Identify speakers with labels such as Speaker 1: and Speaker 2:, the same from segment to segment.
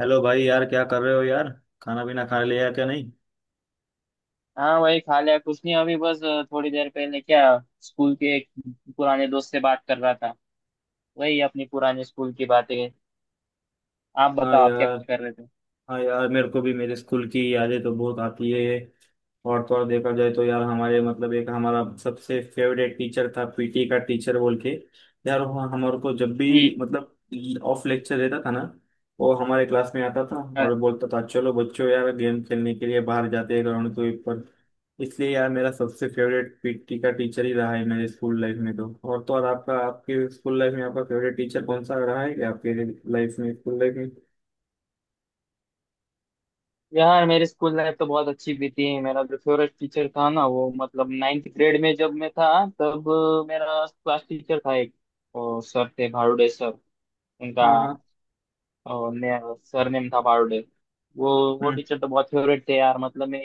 Speaker 1: Hello भाई यार, क्या कर रहे हो यार। खाना पीना खा लिया क्या? नहीं।
Speaker 2: हाँ वही खा लिया कुछ नहीं अभी बस थोड़ी देर पहले क्या स्कूल के एक पुराने दोस्त से बात कर रहा था। वही अपनी पुराने स्कूल की बातें। आप
Speaker 1: हाँ
Speaker 2: बताओ आप क्या
Speaker 1: यार।
Speaker 2: कर रहे थे?
Speaker 1: हाँ यार, मेरे को भी मेरे स्कूल की यादें तो बहुत आती है। और तो और देखा जाए तो यार हमारे मतलब एक हमारा सबसे फेवरेट टीचर था, पीटी का टीचर बोल के। यार वो हमारे को जब
Speaker 2: हम्म।
Speaker 1: भी मतलब ऑफ लेक्चर रहता था ना, वो हमारे क्लास में आता था
Speaker 2: अ,
Speaker 1: और बोलता था, चलो बच्चों यार गेम खेलने के लिए बाहर जाते हैं ग्राउंड के ऊपर। इसलिए यार मेरा सबसे फेवरेट पीटी का टीचर ही रहा है मेरे स्कूल लाइफ में। तो और आपका आपके स्कूल लाइफ में आपका फेवरेट टीचर कौन सा रहा है, क्या आपके लाइफ में, स्कूल लाइफ में?
Speaker 2: यार मेरी स्कूल लाइफ तो बहुत अच्छी बीती। मेरा जो फेवरेट टीचर था ना, वो मतलब नाइन्थ ग्रेड में जब मैं था तब, मेरा क्लास टीचर था एक, और सर थे भारूडे सर, उनका।
Speaker 1: हाँ हाँ।
Speaker 2: और मैं, सर नेम था बारोडे। वो वो
Speaker 1: हम्म।
Speaker 2: टीचर तो बहुत फेवरेट थे यार। मतलब मैं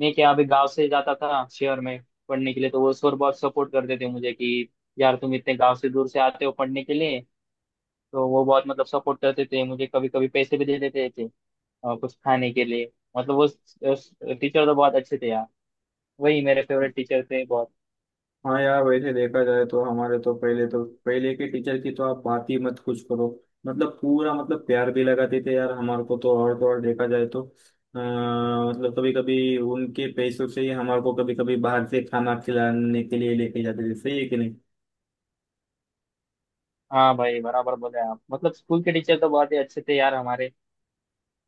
Speaker 2: मैं क्या, अभी गांव से जाता था शहर में पढ़ने के लिए, तो वो सर बहुत सपोर्ट करते थे मुझे कि यार तुम इतने गांव से दूर से आते हो पढ़ने के लिए। तो वो बहुत मतलब सपोर्ट करते थे मुझे, कभी कभी पैसे भी दे देते थे कुछ खाने के लिए। मतलब वो टीचर तो बहुत अच्छे थे यार। वही मेरे फेवरेट टीचर थे बहुत।
Speaker 1: हाँ यार, वैसे देखा जाए तो हमारे तो पहले, तो पहले के टीचर की तो आप बात ही मत कुछ करो। मतलब पूरा मतलब प्यार भी लगाते थे यार हमारे को। तो और देखा जाए तो मतलब कभी कभी उनके पैसों से ही हमारे को कभी कभी बाहर से खाना खिलाने के लिए लेके जाते थे। सही है कि नहीं?
Speaker 2: हाँ भाई, बराबर बोले आप। मतलब स्कूल के टीचर तो बहुत ही अच्छे थे यार हमारे।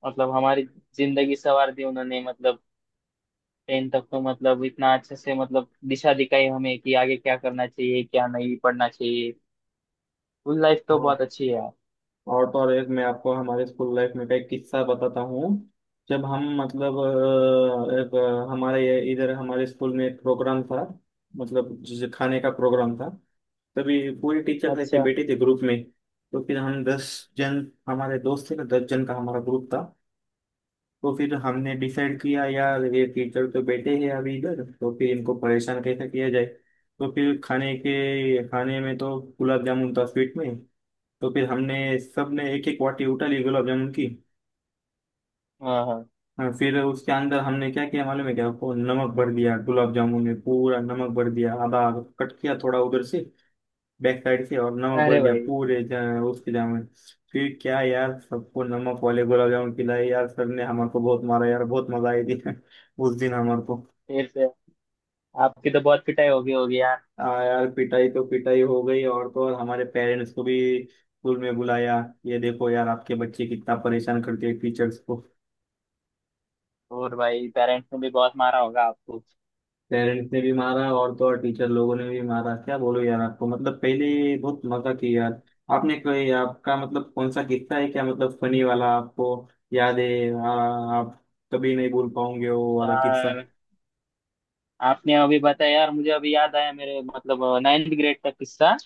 Speaker 2: मतलब हमारी जिंदगी संवार दी उन्होंने। मतलब 10 तक तो मतलब इतना अच्छे से मतलब दिशा दिखाई हमें कि आगे क्या करना चाहिए, क्या नहीं पढ़ना चाहिए। स्कूल लाइफ तो
Speaker 1: हाँ।
Speaker 2: बहुत अच्छी है यार।
Speaker 1: और तो और एक मैं आपको हमारे स्कूल लाइफ में का एक किस्सा बताता हूँ। जब हम मतलब एक हमारे इधर हमारे स्कूल में एक प्रोग्राम था। मतलब जिस खाने का प्रोग्राम था, तभी पूरी टीचर ऐसे
Speaker 2: अच्छा।
Speaker 1: बैठी थी ग्रुप में। तो फिर हम दस जन, हमारे दोस्त थे ना, दस जन का हमारा ग्रुप था। तो फिर हमने डिसाइड किया यार ये टीचर तो बैठे हैं अभी इधर, तो फिर इनको परेशान कैसे किया जाए। तो फिर खाने में तो गुलाब जामुन था स्वीट में। तो फिर हमने सबने एक एक वाटी उठा ली गुलाब जामुन की।
Speaker 2: हाँ हाँ।
Speaker 1: हाँ, फिर उसके अंदर हमने क्या किया मालूम है क्या? वो नमक भर दिया गुलाब जामुन में, पूरा नमक भर दिया, आधा कट किया थोड़ा उधर से, बैक साइड से, और नमक भर
Speaker 2: अरे
Speaker 1: दिया
Speaker 2: भाई,
Speaker 1: पूरे उसके जाम में। फिर क्या यार सबको नमक वाले गुलाब जामुन खिलाए यार, सर ने हमारे को बहुत मारा यार, बहुत मजा आई थी उस दिन हमारे को।
Speaker 2: फिर से आपकी तो बहुत पिटाई होगी होगी यार।
Speaker 1: आ यार, पिटाई तो पिटाई हो गई, और तो और हमारे पेरेंट्स को भी स्कूल में बुलाया, ये देखो यार आपके बच्चे कितना परेशान करते हैं टीचर्स को।
Speaker 2: और भाई, पेरेंट्स ने भी बहुत मारा होगा आपको।
Speaker 1: पेरेंट्स ने भी मारा और तो और टीचर लोगों ने भी मारा, क्या बोलो यार आपको? मतलब पहले बहुत मजा किया यार। आपने कोई आपका मतलब कौन सा किस्सा है क्या, मतलब फनी वाला, आपको याद है? आप कभी नहीं भूल पाओगे वो वाला किस्सा।
Speaker 2: यार आपने अभी बताया, यार मुझे अभी याद आया मेरे मतलब नाइन्थ ग्रेड का किस्सा।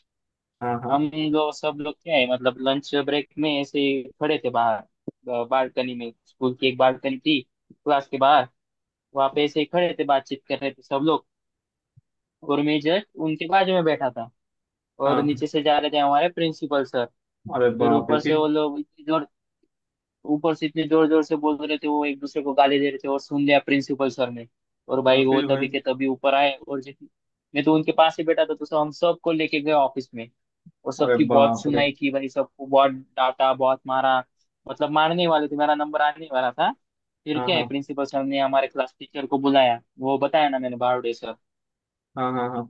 Speaker 1: हाँ हाँ
Speaker 2: हम लोग, सब लोग क्या है, मतलब लंच ब्रेक में ऐसे ही खड़े थे बाहर बालकनी में। स्कूल की एक बालकनी थी क्लास के बाहर। वहां पे ऐसे ही खड़े थे, बातचीत कर रहे थे सब लोग। और मैं जस्ट उनके बाजू में बैठा था। और
Speaker 1: हाँ।
Speaker 2: नीचे से जा रहे थे हमारे प्रिंसिपल सर।
Speaker 1: अरे
Speaker 2: फिर
Speaker 1: बाप रे,
Speaker 2: ऊपर से
Speaker 1: फिर?
Speaker 2: वो लोग इतनी जोर ऊपर से इतने जोर जोर से बोल रहे थे वो, एक दूसरे को गाली दे रहे थे, और सुन लिया प्रिंसिपल सर ने। और
Speaker 1: हाँ
Speaker 2: भाई वो
Speaker 1: फिर भाई।
Speaker 2: तभी के तभी ऊपर आए और जित, मैं तो उनके पास ही बैठा था, तो सब हम सबको लेके गए ऑफिस में। और
Speaker 1: अरे
Speaker 2: सबकी बहुत
Speaker 1: बाप रे।
Speaker 2: सुनाई की भाई, सबको बहुत डांटा, बहुत मारा। मतलब मारने वाले थे, मेरा नंबर आने वाला था। फिर
Speaker 1: हाँ
Speaker 2: क्या है,
Speaker 1: हाँ
Speaker 2: प्रिंसिपल सर ने हमारे क्लास टीचर को बुलाया। वो बताया ना मैंने, बारोडे सर।
Speaker 1: हाँ हाँ। हाँ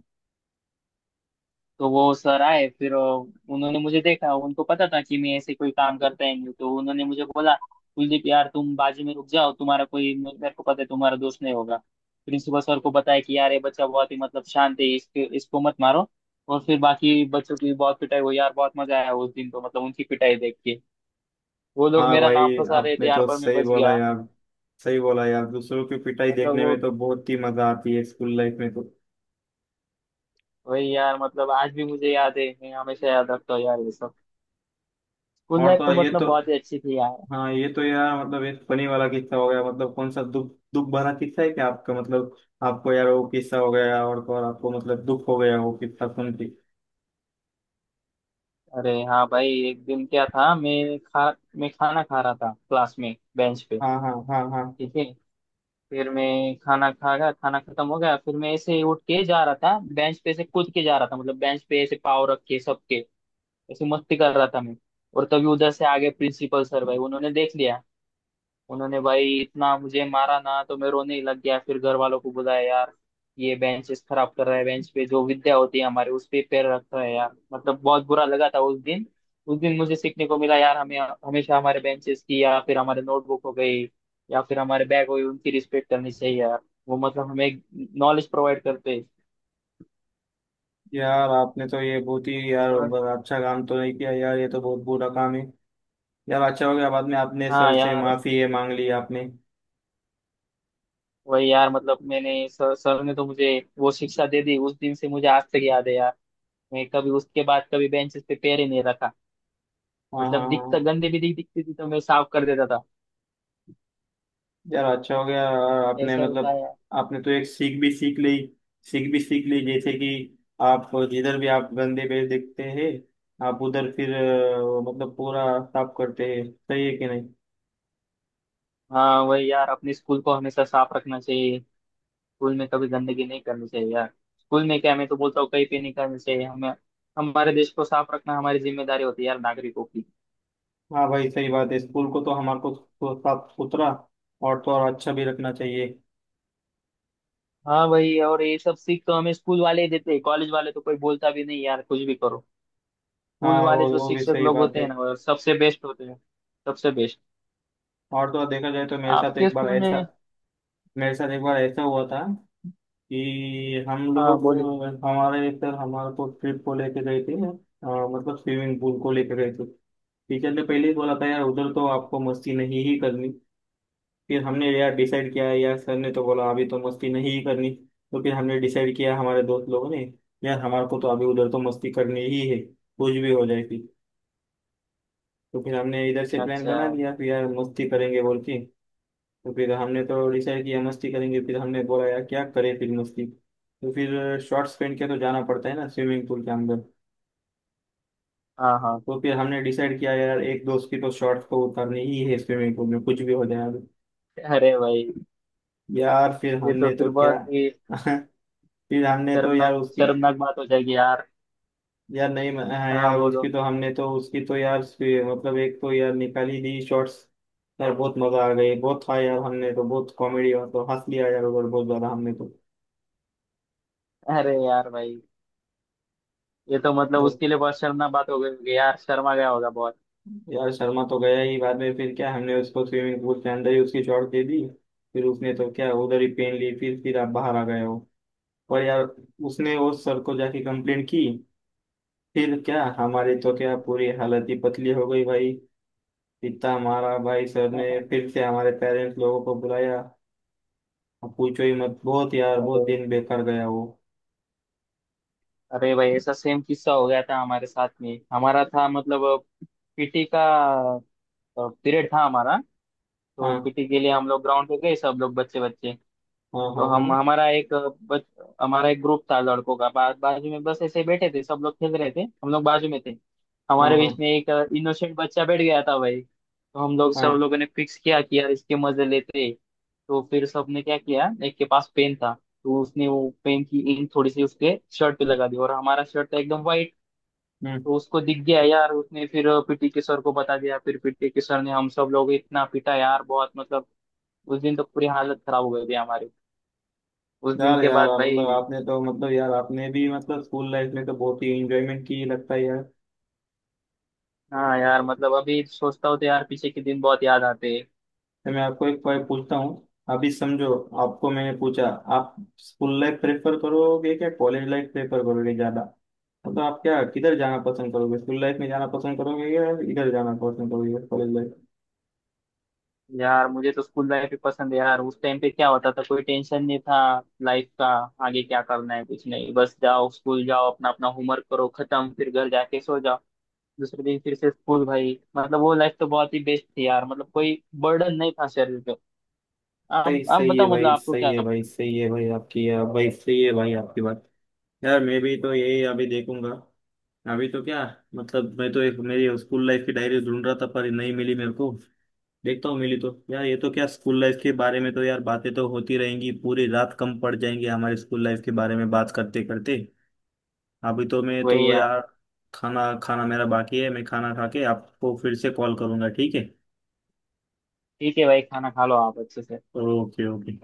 Speaker 2: तो वो सर आए फिर, उन्होंने मुझे देखा। उनको पता था कि मैं ऐसे कोई काम करता ही नहीं, तो उन्होंने मुझे बोला, कुलदीप यार तुम बाजू में रुक जाओ, तुम्हारा कोई, मेरे को पता है तुम्हारा दोस्त नहीं होगा। प्रिंसिपल सर को बताया कि यार ये बच्चा बहुत ही मतलब शांत है, इसके इसको मत मारो। और फिर बाकी बच्चों की बहुत पिटाई हुई यार। बहुत मजा आया उस दिन तो, मतलब उनकी पिटाई देख के। वो लोग
Speaker 1: हाँ
Speaker 2: मेरा नाम
Speaker 1: भाई,
Speaker 2: फंसा रहे थे
Speaker 1: आपने
Speaker 2: यार,
Speaker 1: तो
Speaker 2: पर मैं
Speaker 1: सही
Speaker 2: बच
Speaker 1: बोला
Speaker 2: गया।
Speaker 1: यार। सही बोला यार, दूसरों की पिटाई
Speaker 2: मतलब
Speaker 1: देखने
Speaker 2: वो,
Speaker 1: में तो बहुत ही मजा आती है स्कूल लाइफ में तो।
Speaker 2: वही यार। मतलब आज भी मुझे याद है, मैं हमेशा याद रखता हूँ यार ये सब। स्कूल
Speaker 1: और
Speaker 2: लाइफ
Speaker 1: तो
Speaker 2: तो
Speaker 1: ये
Speaker 2: मतलब
Speaker 1: तो,
Speaker 2: बहुत ही अच्छी थी यार।
Speaker 1: हाँ ये तो यार मतलब एक फनी वाला किस्सा हो गया। मतलब कौन सा दुख दुख भरा किस्सा है क्या आपका, मतलब आपको यार वो किस्सा हो गया और तो और आपको मतलब दुख हो गया वो किस्सा सुन के?
Speaker 2: अरे हाँ भाई, एक दिन क्या था, मैं खाना खा रहा था क्लास में बेंच पे।
Speaker 1: हाँ हाँ हाँ हाँ।
Speaker 2: ठीक है। फिर मैं खाना खा गया, खाना खत्म हो गया, फिर मैं ऐसे ही उठ के जा रहा था, बेंच पे से कूद के जा रहा था। मतलब बेंच पे ऐसे पाँव रख के, सबके ऐसे मस्ती कर रहा था मैं। और तभी उधर से आगे प्रिंसिपल सर भाई, उन्होंने देख लिया। उन्होंने भाई इतना मुझे मारा ना तो मैं रोने ही लग गया। फिर घर वालों को बुलाया, यार ये बेंचेस खराब कर रहा है, बेंच पे जो विद्या होती है हमारे, उस पे पैर रख रहा है यार। मतलब बहुत बुरा लगा था उस दिन। उस दिन मुझे सीखने को मिला यार, हमें हमेशा हमारे बेंचेस की, या फिर हमारे नोटबुक हो गई, या फिर हमारे बैग हो गई, उनकी रिस्पेक्ट करनी चाहिए यार। वो मतलब हमें नॉलेज प्रोवाइड करते हैं।
Speaker 1: यार आपने तो ये बहुत ही यार
Speaker 2: और
Speaker 1: बड़ा अच्छा काम तो नहीं किया यार, ये तो बहुत बुरा काम है। यार अच्छा हो गया बाद में आपने
Speaker 2: हाँ
Speaker 1: सर से
Speaker 2: यार,
Speaker 1: माफी ये मांग ली आपने।
Speaker 2: वही यार। मतलब मैंने सर ने तो मुझे वो शिक्षा दे दी, उस दिन से मुझे आज तक याद है यार। मैं कभी उसके बाद कभी बेंचेस पे पैर ही नहीं रखा।
Speaker 1: हाँ हाँ
Speaker 2: मतलब
Speaker 1: हाँ
Speaker 2: दिखता
Speaker 1: हाँ।
Speaker 2: गंदगी दिखती थी तो मैं साफ कर देता था।
Speaker 1: यार अच्छा हो गया और आपने
Speaker 2: ऐसा होता
Speaker 1: मतलब
Speaker 2: है यार।
Speaker 1: आपने तो एक सीख भी सीख ली, सीख भी सीख ली। जैसे कि आप जिधर भी आप गंदे पेड़ देखते हैं, आप उधर फिर मतलब पूरा साफ करते हैं। सही है कि नहीं?
Speaker 2: हाँ वही यार, अपने स्कूल को हमेशा साफ रखना चाहिए। स्कूल में कभी गंदगी नहीं करनी चाहिए यार। स्कूल में क्या, मैं तो बोलता हूँ कहीं पे नहीं करनी चाहिए हमें। हमारे देश को साफ रखना हमारी जिम्मेदारी होती है यार नागरिकों की।
Speaker 1: हाँ भाई सही बात है, स्कूल को तो हमारे को तो साफ सुथरा और तो और अच्छा भी रखना चाहिए।
Speaker 2: हाँ वही। और ये सब सीख तो हमें स्कूल वाले ही देते हैं। कॉलेज वाले तो कोई बोलता भी नहीं यार, कुछ भी करो। स्कूल
Speaker 1: हाँ
Speaker 2: वाले
Speaker 1: वो
Speaker 2: जो
Speaker 1: वो भी
Speaker 2: शिक्षक
Speaker 1: सही
Speaker 2: लोग
Speaker 1: बात
Speaker 2: होते
Speaker 1: है।
Speaker 2: हैं ना, वो सबसे बेस्ट होते हैं। सबसे बेस्ट।
Speaker 1: और तो और देखा जाए तो मेरे साथ
Speaker 2: आपके
Speaker 1: एक बार
Speaker 2: स्कूल
Speaker 1: ऐसा,
Speaker 2: में?
Speaker 1: मेरे साथ एक बार ऐसा हुआ था कि हम
Speaker 2: हाँ
Speaker 1: लोग,
Speaker 2: बोलिए।
Speaker 1: हमारे एक सर हमारे को ट्रिप को लेके गए थे मतलब स्विमिंग पूल को लेके गए थे। टीचर ने पहले ही बोला था यार उधर तो
Speaker 2: अच्छा।
Speaker 1: आपको मस्ती नहीं ही करनी। फिर हमने यार डिसाइड किया यार सर ने तो बोला अभी तो मस्ती नहीं ही करनी। तो फिर हमने डिसाइड किया हमारे दोस्त लोगों ने, यार हमारे को तो अभी उधर तो मस्ती करनी ही है कुछ भी हो जाए फिर। तो फिर हमने इधर से प्लान
Speaker 2: अच्छा।
Speaker 1: बना लिया फिर यार मस्ती करेंगे बोल के। तो फिर हमने तो डिसाइड किया मस्ती करेंगे, फिर हमने बोला यार क्या करें फिर मस्ती, तो फिर शॉर्ट्स पहन के तो जाना पड़ता है ना स्विमिंग पूल के अंदर।
Speaker 2: हाँ हाँ।
Speaker 1: तो फिर हमने डिसाइड किया यार एक दोस्त की तो शॉर्ट्स को उतारनी ही है स्विमिंग पूल में, कुछ भी हो जाए अब।
Speaker 2: अरे भाई,
Speaker 1: यार फिर
Speaker 2: ये तो
Speaker 1: हमने
Speaker 2: फिर
Speaker 1: तो क्या
Speaker 2: बहुत ही,
Speaker 1: फिर हमने तो यार
Speaker 2: शर्मनाक
Speaker 1: उसकी,
Speaker 2: शर्मनाक बात हो जाएगी यार।
Speaker 1: यार नहीं हाँ
Speaker 2: हाँ
Speaker 1: यार उसकी
Speaker 2: बोलो।
Speaker 1: तो हमने तो उसकी तो यार मतलब एक तो यार निकाली दी शॉर्ट्स। यार बहुत मजा आ गई बहुत था यार, हमने तो बहुत कॉमेडी और तो हंस लिया यार उधर बहुत ज्यादा हमने।
Speaker 2: अरे यार भाई, ये तो मतलब
Speaker 1: तो
Speaker 2: उसके लिए बहुत शर्मनाक बात हो गई होगी यार, शर्मा गया होगा बहुत।
Speaker 1: यार शर्मा तो गया ही, बाद में फिर क्या हमने उसको स्विमिंग पूल के अंदर ही उसकी चोट दे दी। फिर उसने तो क्या उधर ही पेन ली, फिर आप बाहर आ गए हो। पर यार उसने वो सर को जाके कंप्लेंट की, फिर क्या हमारी तो क्या पूरी हालत ही पतली हो गई भाई। इतना मारा भाई सर ने, फिर से हमारे पेरेंट्स लोगों को बुलाया। अब पूछो ही मत, बहुत यार बहुत
Speaker 2: अरे।
Speaker 1: दिन बेकार गया वो।
Speaker 2: अरे भाई, ऐसा सेम किस्सा हो गया था हमारे साथ में। हमारा था मतलब पीटी का पीरियड था हमारा। तो
Speaker 1: हाँ
Speaker 2: पीटी के लिए हम लोग ग्राउंड पे गए, सब लोग, बच्चे बच्चे।
Speaker 1: हाँ
Speaker 2: तो
Speaker 1: हाँ हाँ
Speaker 2: हम हमारा एक बच, हमारा एक ग्रुप था लड़कों का, बाजू में बस ऐसे ही बैठे थे। सब लोग खेल रहे थे, हम लोग बाजू में थे।
Speaker 1: हाँ
Speaker 2: हमारे बीच
Speaker 1: हाँ
Speaker 2: में एक इनोसेंट बच्चा बैठ गया था भाई, तो हम लोग, सब
Speaker 1: हाँ।
Speaker 2: लोगों ने फिक्स किया कि यार इसके मजे लेते। तो फिर सबने क्या किया, एक के पास पेन था, तो उसने वो पेन की इंक थोड़ी सी उसके शर्ट पे लगा दी। और हमारा शर्ट था एकदम वाइट,
Speaker 1: हम्म।
Speaker 2: तो उसको दिख गया यार। उसने फिर पीटी के सर को बता दिया। फिर पीटी के सर ने हम सब लोग इतना पीटा यार, बहुत मतलब, उस दिन तो पूरी हालत खराब हो गई थी हमारी उस दिन
Speaker 1: यार
Speaker 2: के
Speaker 1: यार
Speaker 2: बाद भाई।
Speaker 1: मतलब आपने तो मतलब यार आपने भी मतलब स्कूल लाइफ में तो बहुत ही एंजॉयमेंट की लगता है यार।
Speaker 2: हाँ यार, मतलब अभी सोचता हूँ तो यार पीछे के दिन बहुत याद आते हैं।
Speaker 1: मैं आपको एक पॉइंट पूछता हूँ, अभी समझो, आपको मैंने पूछा, आप स्कूल लाइफ प्रेफर करोगे क्या कॉलेज लाइफ प्रेफर करोगे ज्यादा? तो आप क्या किधर जाना पसंद करोगे, स्कूल लाइफ में जाना पसंद करोगे या इधर जाना पसंद करोगे कॉलेज लाइफ?
Speaker 2: यार मुझे तो स्कूल लाइफ ही पसंद है यार। उस टाइम पे क्या होता था, कोई टेंशन नहीं था लाइफ का, आगे क्या करना है, कुछ नहीं, बस जाओ स्कूल, जाओ अपना अपना होमवर्क करो, खत्म, फिर घर जाके सो जाओ, दूसरे दिन फिर से स्कूल भाई। मतलब वो लाइफ तो बहुत ही बेस्ट थी यार, मतलब कोई बर्डन नहीं था शरीर पे। आप
Speaker 1: सही,
Speaker 2: आप
Speaker 1: सही है
Speaker 2: बताओ मतलब
Speaker 1: भाई,
Speaker 2: आपको
Speaker 1: सही
Speaker 2: क्या
Speaker 1: है भाई,
Speaker 2: पसंद?
Speaker 1: सही है भाई आपकी, आप भाई सही है भाई आपकी बात। यार मैं भी तो यही अभी देखूंगा, अभी तो क्या, मतलब मैं तो एक मेरी स्कूल लाइफ की डायरी ढूंढ रहा था पर नहीं मिली मेरे को, देखता हूँ मिली तो। यार ये तो क्या स्कूल लाइफ के बारे में तो यार बातें तो होती रहेंगी, पूरी रात कम पड़ जाएंगी हमारे स्कूल लाइफ के बारे में बात करते करते। अभी तो मैं तो
Speaker 2: वही यार।
Speaker 1: यार खाना, खाना मेरा बाकी है, मैं खाना खा के आपको फिर से कॉल करूंगा, ठीक है?
Speaker 2: ठीक है भाई, खाना खा लो आप अच्छे से।
Speaker 1: Okay okay.